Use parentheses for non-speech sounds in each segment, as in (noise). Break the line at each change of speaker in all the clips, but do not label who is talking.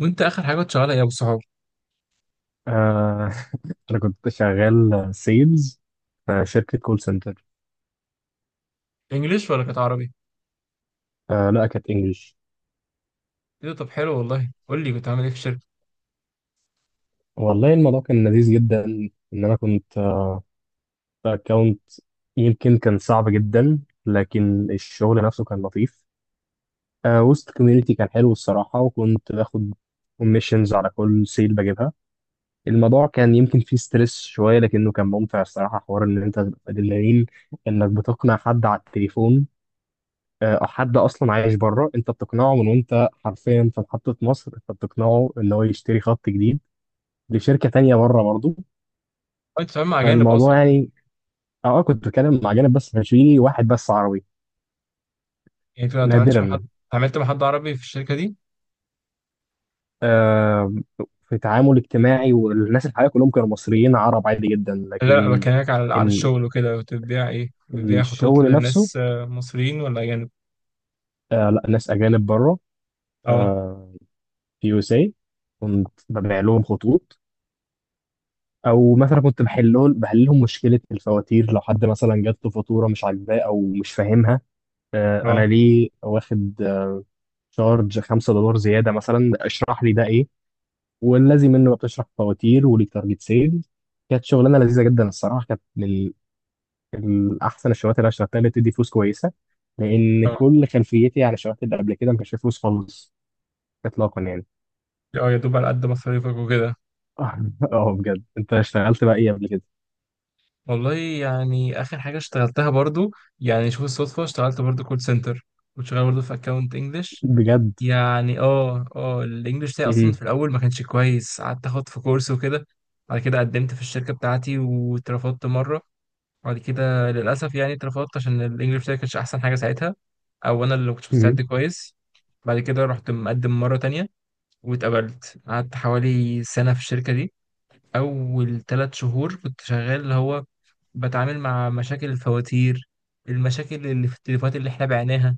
وانت اخر حاجه كنت شغالها ايه يا ابو الصحاب؟
آه، (laughs) أنا كنت شغال سيلز في شركة كول سنتر.
انجليش ولا كانت عربي؟
لا كانت إنجلش.
ايه ده، طب حلو والله، قول لي كنت عامل ايه في الشركه.
والله الموضوع كان لذيذ جدا، إن أنا كنت في أكونت، يمكن كان صعب جدا لكن الشغل نفسه كان لطيف. وسط كوميونيتي كان حلو الصراحة، وكنت باخد كوميشنز على كل سيل بجيبها. الموضوع كان يمكن فيه ستريس شوية لكنه كان ممتع الصراحة، حوار إن أنت تبقى أدرينالين، إنك بتقنع حد على التليفون. او حد اصلا عايش بره، انت بتقنعه من وانت حرفيا في محطه مصر، انت بتقنعه ان هو يشتري خط جديد لشركه تانية بره برضه.
انت بتتعامل مع اجانب
فالموضوع
اصلا؟
يعني، كنت بتكلم مع جانب بس ما كانش فيه واحد بس عربي.
يعني انت ما اتعاملتش
نادرا.
مع حد؟ اتعاملت مع حد عربي في الشركه دي؟
آه. في تعامل اجتماعي، والناس الحقيقه كلهم كانوا مصريين عرب عادي جدا،
لا، لا،
لكن
بكلمك على
ال-
الشغل وكده، كنت بتبيع ايه؟ بتبيع خطوط
الشغل نفسه.
للناس مصريين ولا اجانب؟
آه، لا ناس اجانب بره.
اه،
آه. في يو اس اي كنت ببيع لهم خطوط، او مثلا كنت بحلهم مشكله الفواتير، لو حد مثلا جات له فاتوره مش عاجباه او مش فاهمها. انا
اه،
ليه واخد شارج $5 زياده، مثلا اشرح لي ده ايه، والذي منه بتشرح فواتير وليك تارجت سيل. كانت شغلانه لذيذه جدا الصراحه، كانت من احسن الشغلات اللي انا اشتغلتها، اللي بتدي فلوس كويسه. لان
اه،
كل خلفيتي عن الشغلات اللي قبل كده ما كانش فيها فلوس خالص. اطلاقا يعني.
اه، يا دوب على قد مصاريفك وكده.
(laughs) اه، بجد انت اشتغلت بقى ايه قبل كده؟
والله يعني اخر حاجه اشتغلتها برضو، يعني شوف الصدفه، اشتغلت برضو كول سنتر، كنت شغال برضو في اكونت انجلش.
بجد.
يعني اه، اه، الانجليش بتاعي اصلا
مهم.
في الاول ما كانش كويس، قعدت اخد في كورس وكده. بعد كده قدمت في الشركه بتاعتي واترفضت مره. بعد كده للاسف يعني اترفضت عشان الانجليش بتاعي كانش احسن حاجه ساعتها، او انا اللي ما كنتش
مهم.
مستعد كويس. بعد كده رحت مقدم مره تانية واتقبلت، قعدت حوالي سنه في الشركه دي. اول ثلاث شهور كنت شغال اللي هو بتعامل مع مشاكل الفواتير، المشاكل اللي في التليفونات اللي احنا بعناها،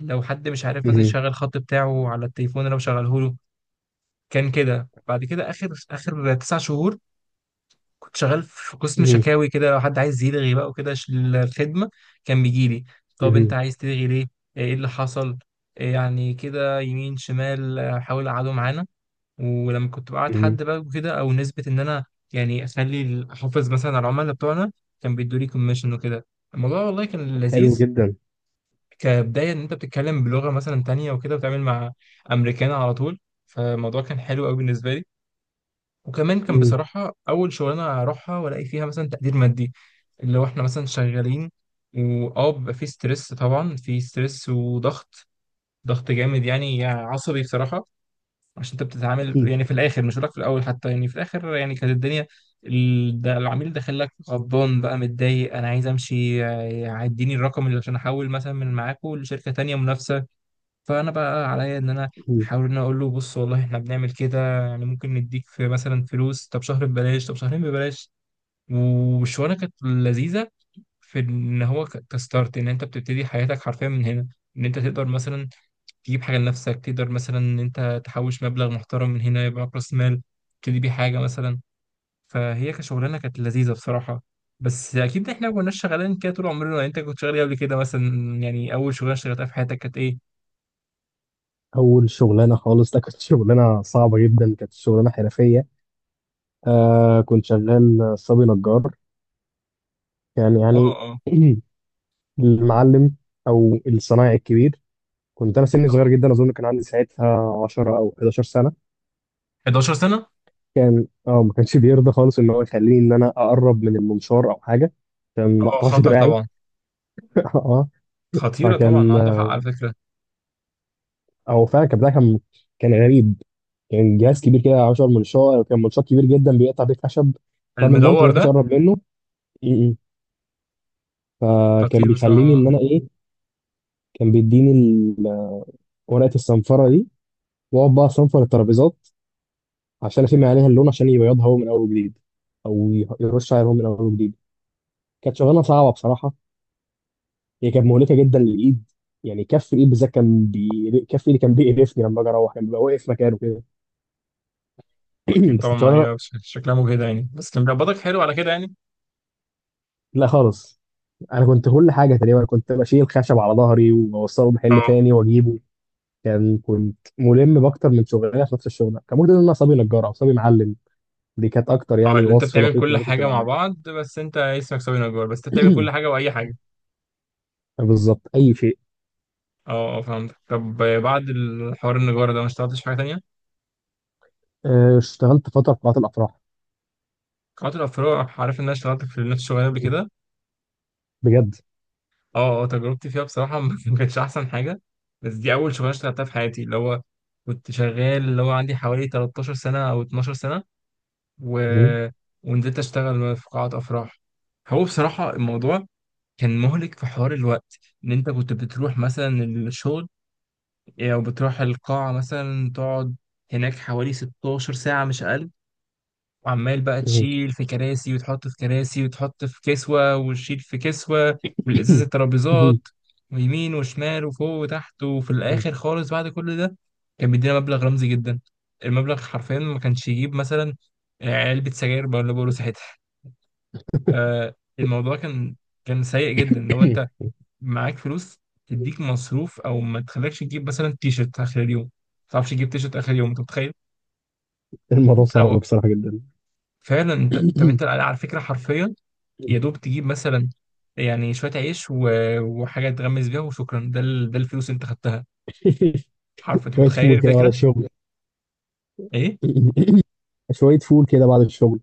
لو حد مش عارف مثلا يشغل الخط بتاعه على التليفون اللي انا بشغله له. كان كده. بعد كده اخر تسع شهور كنت شغال في قسم
مهم.
شكاوي كده، لو حد عايز يلغي بقى وكده الخدمه، كان بيجي لي: طب انت
مهم.
عايز تلغي ليه؟ ايه اللي حصل؟ إيه يعني كده يمين شمال، حاول اقعده معانا. ولما كنت بقعد
مم.
حد بقى وكده، او نسبه ان انا يعني اخلي احافظ مثلا على العملاء بتوعنا، كان بيدوا لي كوميشن وكده. الموضوع والله كان لذيذ،
حلو جدا.
كبداية إن أنت بتتكلم بلغة مثلا تانية وكده وتعمل مع أمريكان على طول. فالموضوع كان حلو أوي بالنسبة لي، وكمان كان
مم.
بصراحة أول شغلانة أروحها وألاقي فيها مثلا تقدير مادي. اللي هو إحنا مثلا شغالين، وأه بيبقى في ستريس، طبعا في ستريس وضغط، ضغط جامد يعني عصبي بصراحة. عشان أنت بتتعامل
اكيد.
يعني في الآخر، مش هقولك في الأول حتى، يعني في الآخر يعني كانت الدنيا، ده العميل داخل لك غضبان بقى متضايق: انا عايز امشي، اديني الرقم اللي عشان احول مثلا من معاكو لشركه تانية منافسه. فانا بقى عليا ان انا
مم.
احاول ان أنا اقول له بص والله احنا بنعمل كده، يعني ممكن نديك في مثلا فلوس، طب شهر ببلاش، طب شهرين ببلاش. والشغلانه كانت لذيذه في ان هو كستارت ان انت بتبتدي حياتك حرفيا من هنا، ان انت تقدر مثلا تجيب حاجه لنفسك، تقدر مثلا ان انت تحوش مبلغ محترم من هنا يبقى معاك راس مال تبتدي بيه حاجه مثلا. فهي كشغلانه كانت لذيذه بصراحه. بس اكيد احنا ما كناش شغالين كده طول عمرنا، يعني انت كنت شغال إيه قبل كده مثلا؟ يعني اول شغلانه اشتغلتها في حياتك كانت ايه؟
اول شغلانه خالص ده كانت (laughs) شغلانه صعبه جدا، كانت شغلانه حرفيه. آه، كنت شغال صبي نجار. كان يعني
اه،
(clears throat) المعلم او الصنايعي الكبير، كنت انا سني صغير
اه،
جدا، اظن كان عندي ساعتها 10 او 11 سنه.
11 سنة.
كان ما كانش بيرضى خالص ان هو يخليني ان انا اقرب من المنشار او حاجه، عشان ما
اه،
اقطعش
خطر
دراعي.
طبعا.
(laughs) اه.
خطيرة طبعا،
فكان
عنده حق على فكرة.
هو فعلا الكابتن، كان غريب. كان جهاز كبير كده، 10 منشار، كان منشار كبير جدا بيقطع بيه خشب. فاهم المنطق،
المدور
ما فيش
ده؟
اقرب منه. م-م. فكان
خطير
بيخليني ان
بصراحة.
انا ايه، كان بيديني ورقه الصنفره دي، واقعد بقى اصنفر الترابيزات، عشان افهم عليها اللون عشان يبيضها هو من اول وجديد، او يرش عليها هو من اول وجديد. كانت شغلانه صعبه بصراحه، هي كانت مهلكه جدا للايد، يعني كف الايد بالذات كان كف ايدي كان بيقرفني، لما اجي اروح كان بيبقى واقف مكانه كده. (clears throat)
أكيد
بس
طبعا،
كانت
ما
شغلانه.
هي شكلها مجهدة يعني، بس كان بيقبضك حلو على كده يعني.
لا خالص، انا كنت كل حاجه تقريبا، كنت بشيل خشب على ظهري واوصله محل
اه،
تاني واجيبه. كنت ملم باكتر من شغلانه في نفس الشغل، كان ممكن ان انا صبي نجار او صبي معلم. دي كانت اكتر
اه،
يعني
اللي أنت
وصف
بتعمل
دقيق ما
كل
أنا كنت
حاجة مع
بعمله.
بعض، بس أنت اسمك سوي نجار، بس أنت بتعمل كل حاجة
(clears throat)
وأي حاجة.
بالظبط اي شيء.
اه، اه، فهمت. طب بعد الحوار النجارة ده ما اشتغلتش في حاجة تانية؟
اشتغلت فتره في قاعات الافراح.
قطع الأفراد، عارف إن أنا اشتغلت في نفس الشغلانة قبل كده.
بجد.
اه، اه، تجربتي فيها بصراحة (laughs) ما كانتش أحسن حاجة. بس دي أول شغلانة اشتغلتها في حياتي، اللي هو كنت شغال، اللي هو عندي حوالي 13 سنة أو 12 سنة و... ونزلت أشتغل في قاعة أفراح. هو بصراحة الموضوع كان مهلك في حوار الوقت، إن أنت كنت بتروح مثلا الشغل أو بتروح القاعة مثلا تقعد هناك حوالي 16 ساعة مش أقل، وعمال بقى تشيل
(clears throat)
في كراسي وتحط في كراسي وتحط في كسوة وتشيل في كسوة والإزاز الترابيزات ويمين وشمال وفوق وتحت، وفي الآخر خالص بعد كل ده كان بيدينا مبلغ رمزي جدا. المبلغ حرفيا ما كانش يجيب مثلا علبة سجاير بقى اللي بقوله ساعتها. الموضوع كان سيء جدا. لو أنت معاك فلوس تديك مصروف أو ما تخليكش تجيب مثلا تيشرت آخر اليوم، ما تعرفش تجيب تيشرت آخر اليوم، أنت متخيل؟
(laughs) الموضوع
أنت
صعب
لو
بصراحه جدا.
فعلا أنت، طب أنت
(clears throat)
على فكرة حرفيا يا دوب تجيب مثلا يعني شوية عيش وحاجة تغمس بيها وشكرا. ده ده الفلوس اللي انت خدتها
(laughs)
حرف، انت
شويه
متخيل
فول كده بعد
الفكرة؟
الشغل.
ايه
(clears throat) (coughs) شويه فول كده بعد الشغل.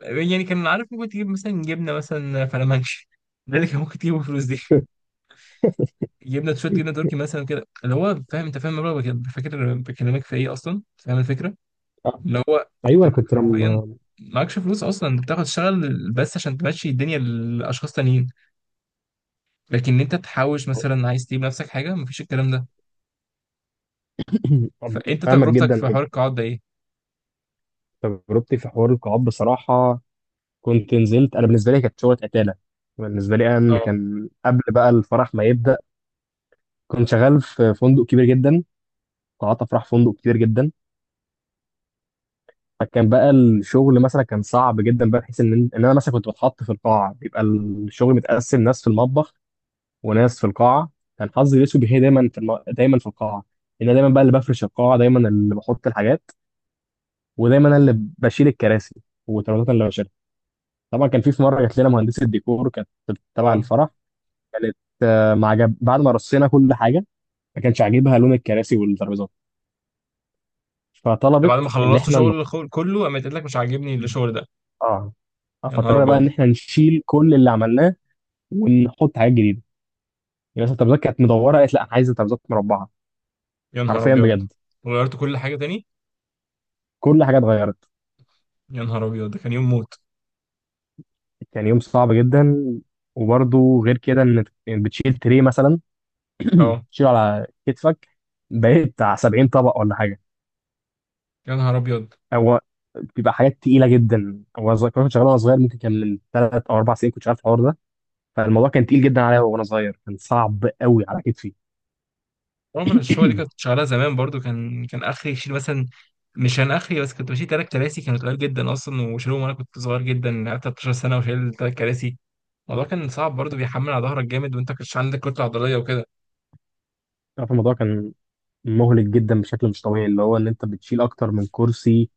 يعني، كان عارف ممكن تجيب مثلا جبنة مثلا فلامنش، ده اللي كان ممكن تجيبه بالفلوس دي. جبنة شوية، جبنة تركي مثلا كده، اللي هو فاهم، انت فاهم المبلغ فاكر بكلمك في ايه اصلا، فاهم الفكرة؟
آه،
اللي هو انت
ايوه
معاك
انا كنت
حرفيا،
لما،
معكش فلوس اصلا، انت بتاخد تشتغل بس عشان تمشي الدنيا لاشخاص تانيين، لكن انت تحوش مثلا عايز تجيب نفسك حاجة مفيش الكلام ده. فانت
فاهمك
تجربتك
جدا
في
كنت،
حوار القاعات ده ايه؟
تجربتي في حوار القاعات بصراحه، كنت نزلت انا بالنسبه لي كانت شغله قتاله، بالنسبه لي انا إن
اه،
كان قبل بقى الفرح ما يبدا. كنت شغال في فندق كبير جدا، قاعات افراح فندق كبير جدا. فكان بقى الشغل مثلا كان صعب جدا بقى، بحيث ان انا مثلا كنت بتحط في القاعه، بيبقى الشغل متقسم ناس في المطبخ، وناس في القاعه. كان حظي الاسود هي دايما في القاعه، ان انا دايما بقى اللي بفرش القاعه، دايما اللي بحط الحاجات، ودايما انا اللي بشيل الكراسي وترابيزات اللي. طبعا كان في مره جات لنا مهندسه ديكور كانت تبع
اه،
الفرح، كانت ما عجب بعد ما رصينا كل حاجه، ما كانش عاجبها لون الكراسي والترابيزات.
ده بعد ما
فطلبت ان
خلصت
احنا ن...
شغل كله قامت قالت لك مش عاجبني الشغل ده؟
اه آه،
يا نهار
فاضطرينا بقى
ابيض.
ان احنا نشيل كل اللي عملناه ونحط حاجات جديده. يعني مثلا الترابيزات كانت مدوره، قالت لا، انا عايزه ترابيزات مربعه.
يا نهار
حرفيا
ابيض.
بجد،
وغيرت كل حاجه تاني؟
كل حاجه اتغيرت.
يا نهار ابيض، ده كان يوم موت.
كان يوم صعب جدا. وبرده غير كده، ان بتشيل تري مثلا
اه.
تشيله على كتفك، بقيت بتاع 70 طبق ولا حاجه.
يا نهار ابيض.
هو بيبقى حاجات تقيله جدا، كنت شغال وانا صغير، ممكن كان من ثلاث او اربع سنين كنت شغال في الحوار ده. فالموضوع كان تقيل جدا عليا، وانا صغير كان صعب قوي على كتفي.
رغم ان الشغل دي كانت
(clears throat)
شغاله زمان برضو، كان اخري يشيل مثلا، مش كان اخري بس، كنت بشيل تلات كراسي كانوا تقال جدا اصلا وشيلهم، وانا كنت صغير جدا، قعدت 13 سنه وشايل تلات كراسي. الموضوع كان صعب برضو، بيحمل على ظهرك جامد وانت كنتش عندك كتله عضليه وكده.
عارف الموضوع كان مهلك جدا بشكل مش طبيعي، اللي هو ان انت بتشيل اكتر من كرسي،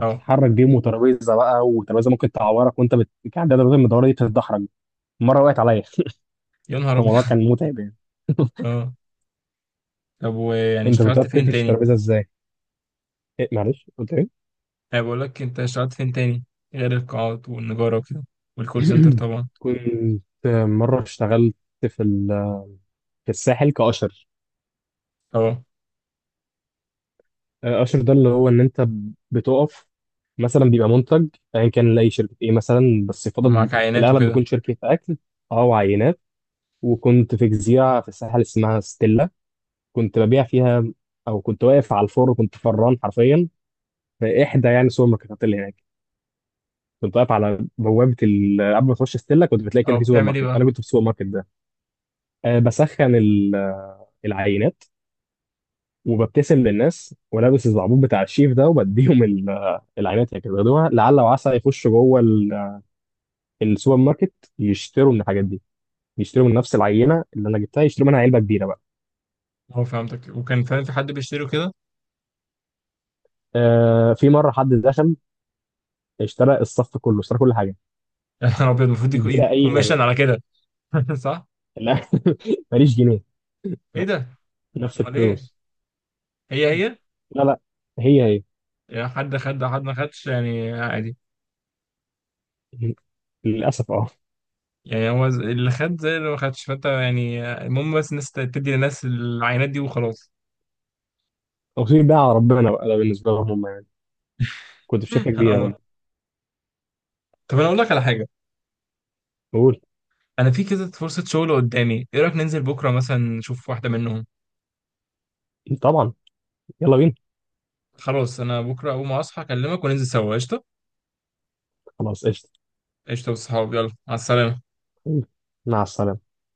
اه.
بيه، وترابيزه بقى، وترابيزه ممكن تعورك، وانت كان عندها ترابيزه المدوره دي بتتدحرج، مره وقعت عليا
يا
(laughs)
نهار ابيض.
فالموضوع كان متعب يعني. (laughs)
(laughs) اه. طب ويعني
انت
اشتغلت
بتعرف
فين
تقفش
تاني؟
الترابيزه ازاي؟ إيه معلش، قلت ايه؟
انا بقول لك انت اشتغلت فين تاني، غير القاعات والنجارة وكده والكول سنتر
(clears throat)
طبعا.
كنت مره اشتغلت في ال... في الساحل كاشر،
اه.
اشر ده اللي هو ان انت بتقف، مثلا بيبقى منتج ايا كان لاي شركه ايه مثلا، بس يفضل
ومعاك
في
عينات
الاغلب
وكده.
بيكون شركه اكل، او عينات. وكنت في جزيره في الساحل اسمها ستيلا، كنت ببيع فيها. او كنت واقف على الفور، كنت فران حرفيا في احدى يعني السوبر ماركتات اللي هناك. كنت واقف على بوابه قبل ما تخش ستيلا كنت بتلاقي
اه،
كده في سوبر
بتعمل ايه
ماركت،
بقى؟
انا كنت في السوبر ماركت ده. أه بسخن العينات، وببتسم للناس، ولابس الزعبوط بتاع الشيف ده، وبديهم العينات، هي كده بياخدوها لعل وعسى يخشوا جوه السوبر ماركت، يشتروا من الحاجات دي، يشتروا من نفس العينه اللي انا جبتها، يشتروا منها علبه كبيره بقى.
اه، فهمتك. وكان فعلا في حد بيشتري كده؟
آه، في مره حد دخل، اشترى الصف كله، اشترى كل حاجه،
(laughs) يا نهار ابيض، المفروض
بلا
يديك
اي هدف.
كوميشن على كده. (laughs) صح.
لا (laughs) ماليش جنيه.
ايه
لا،
ده؟
نفس
امال ايه؟
الفلوس.
هي، هي.
لا، لا، هي،
يعني حد خد حد ما خدش يعني عادي؟
هي، للاسف اه.
يعني هو اللي خد زي اللي ما خدش، فانت يعني المهم بس الناس تدي للناس العينات دي وخلاص.
توصيل بقى على ربنا بقى، ده بالنسبه لهم هم يعني. كنت في شركه
(laughs)
كبيره
اه.
برضه.
طب انا اقول لك على حاجه.
قول.
انا في كده فرصه شغل قدامي، ايه رايك ننزل بكره مثلا نشوف واحده منهم؟
طبعا، يلا بينا.
خلاص، انا بكره اول ما اصحى اكلمك وننزل سوا قشطه.
خلاص قشطه.
قشطه، والصحاب يلا، على السلامه.
مع السلامة.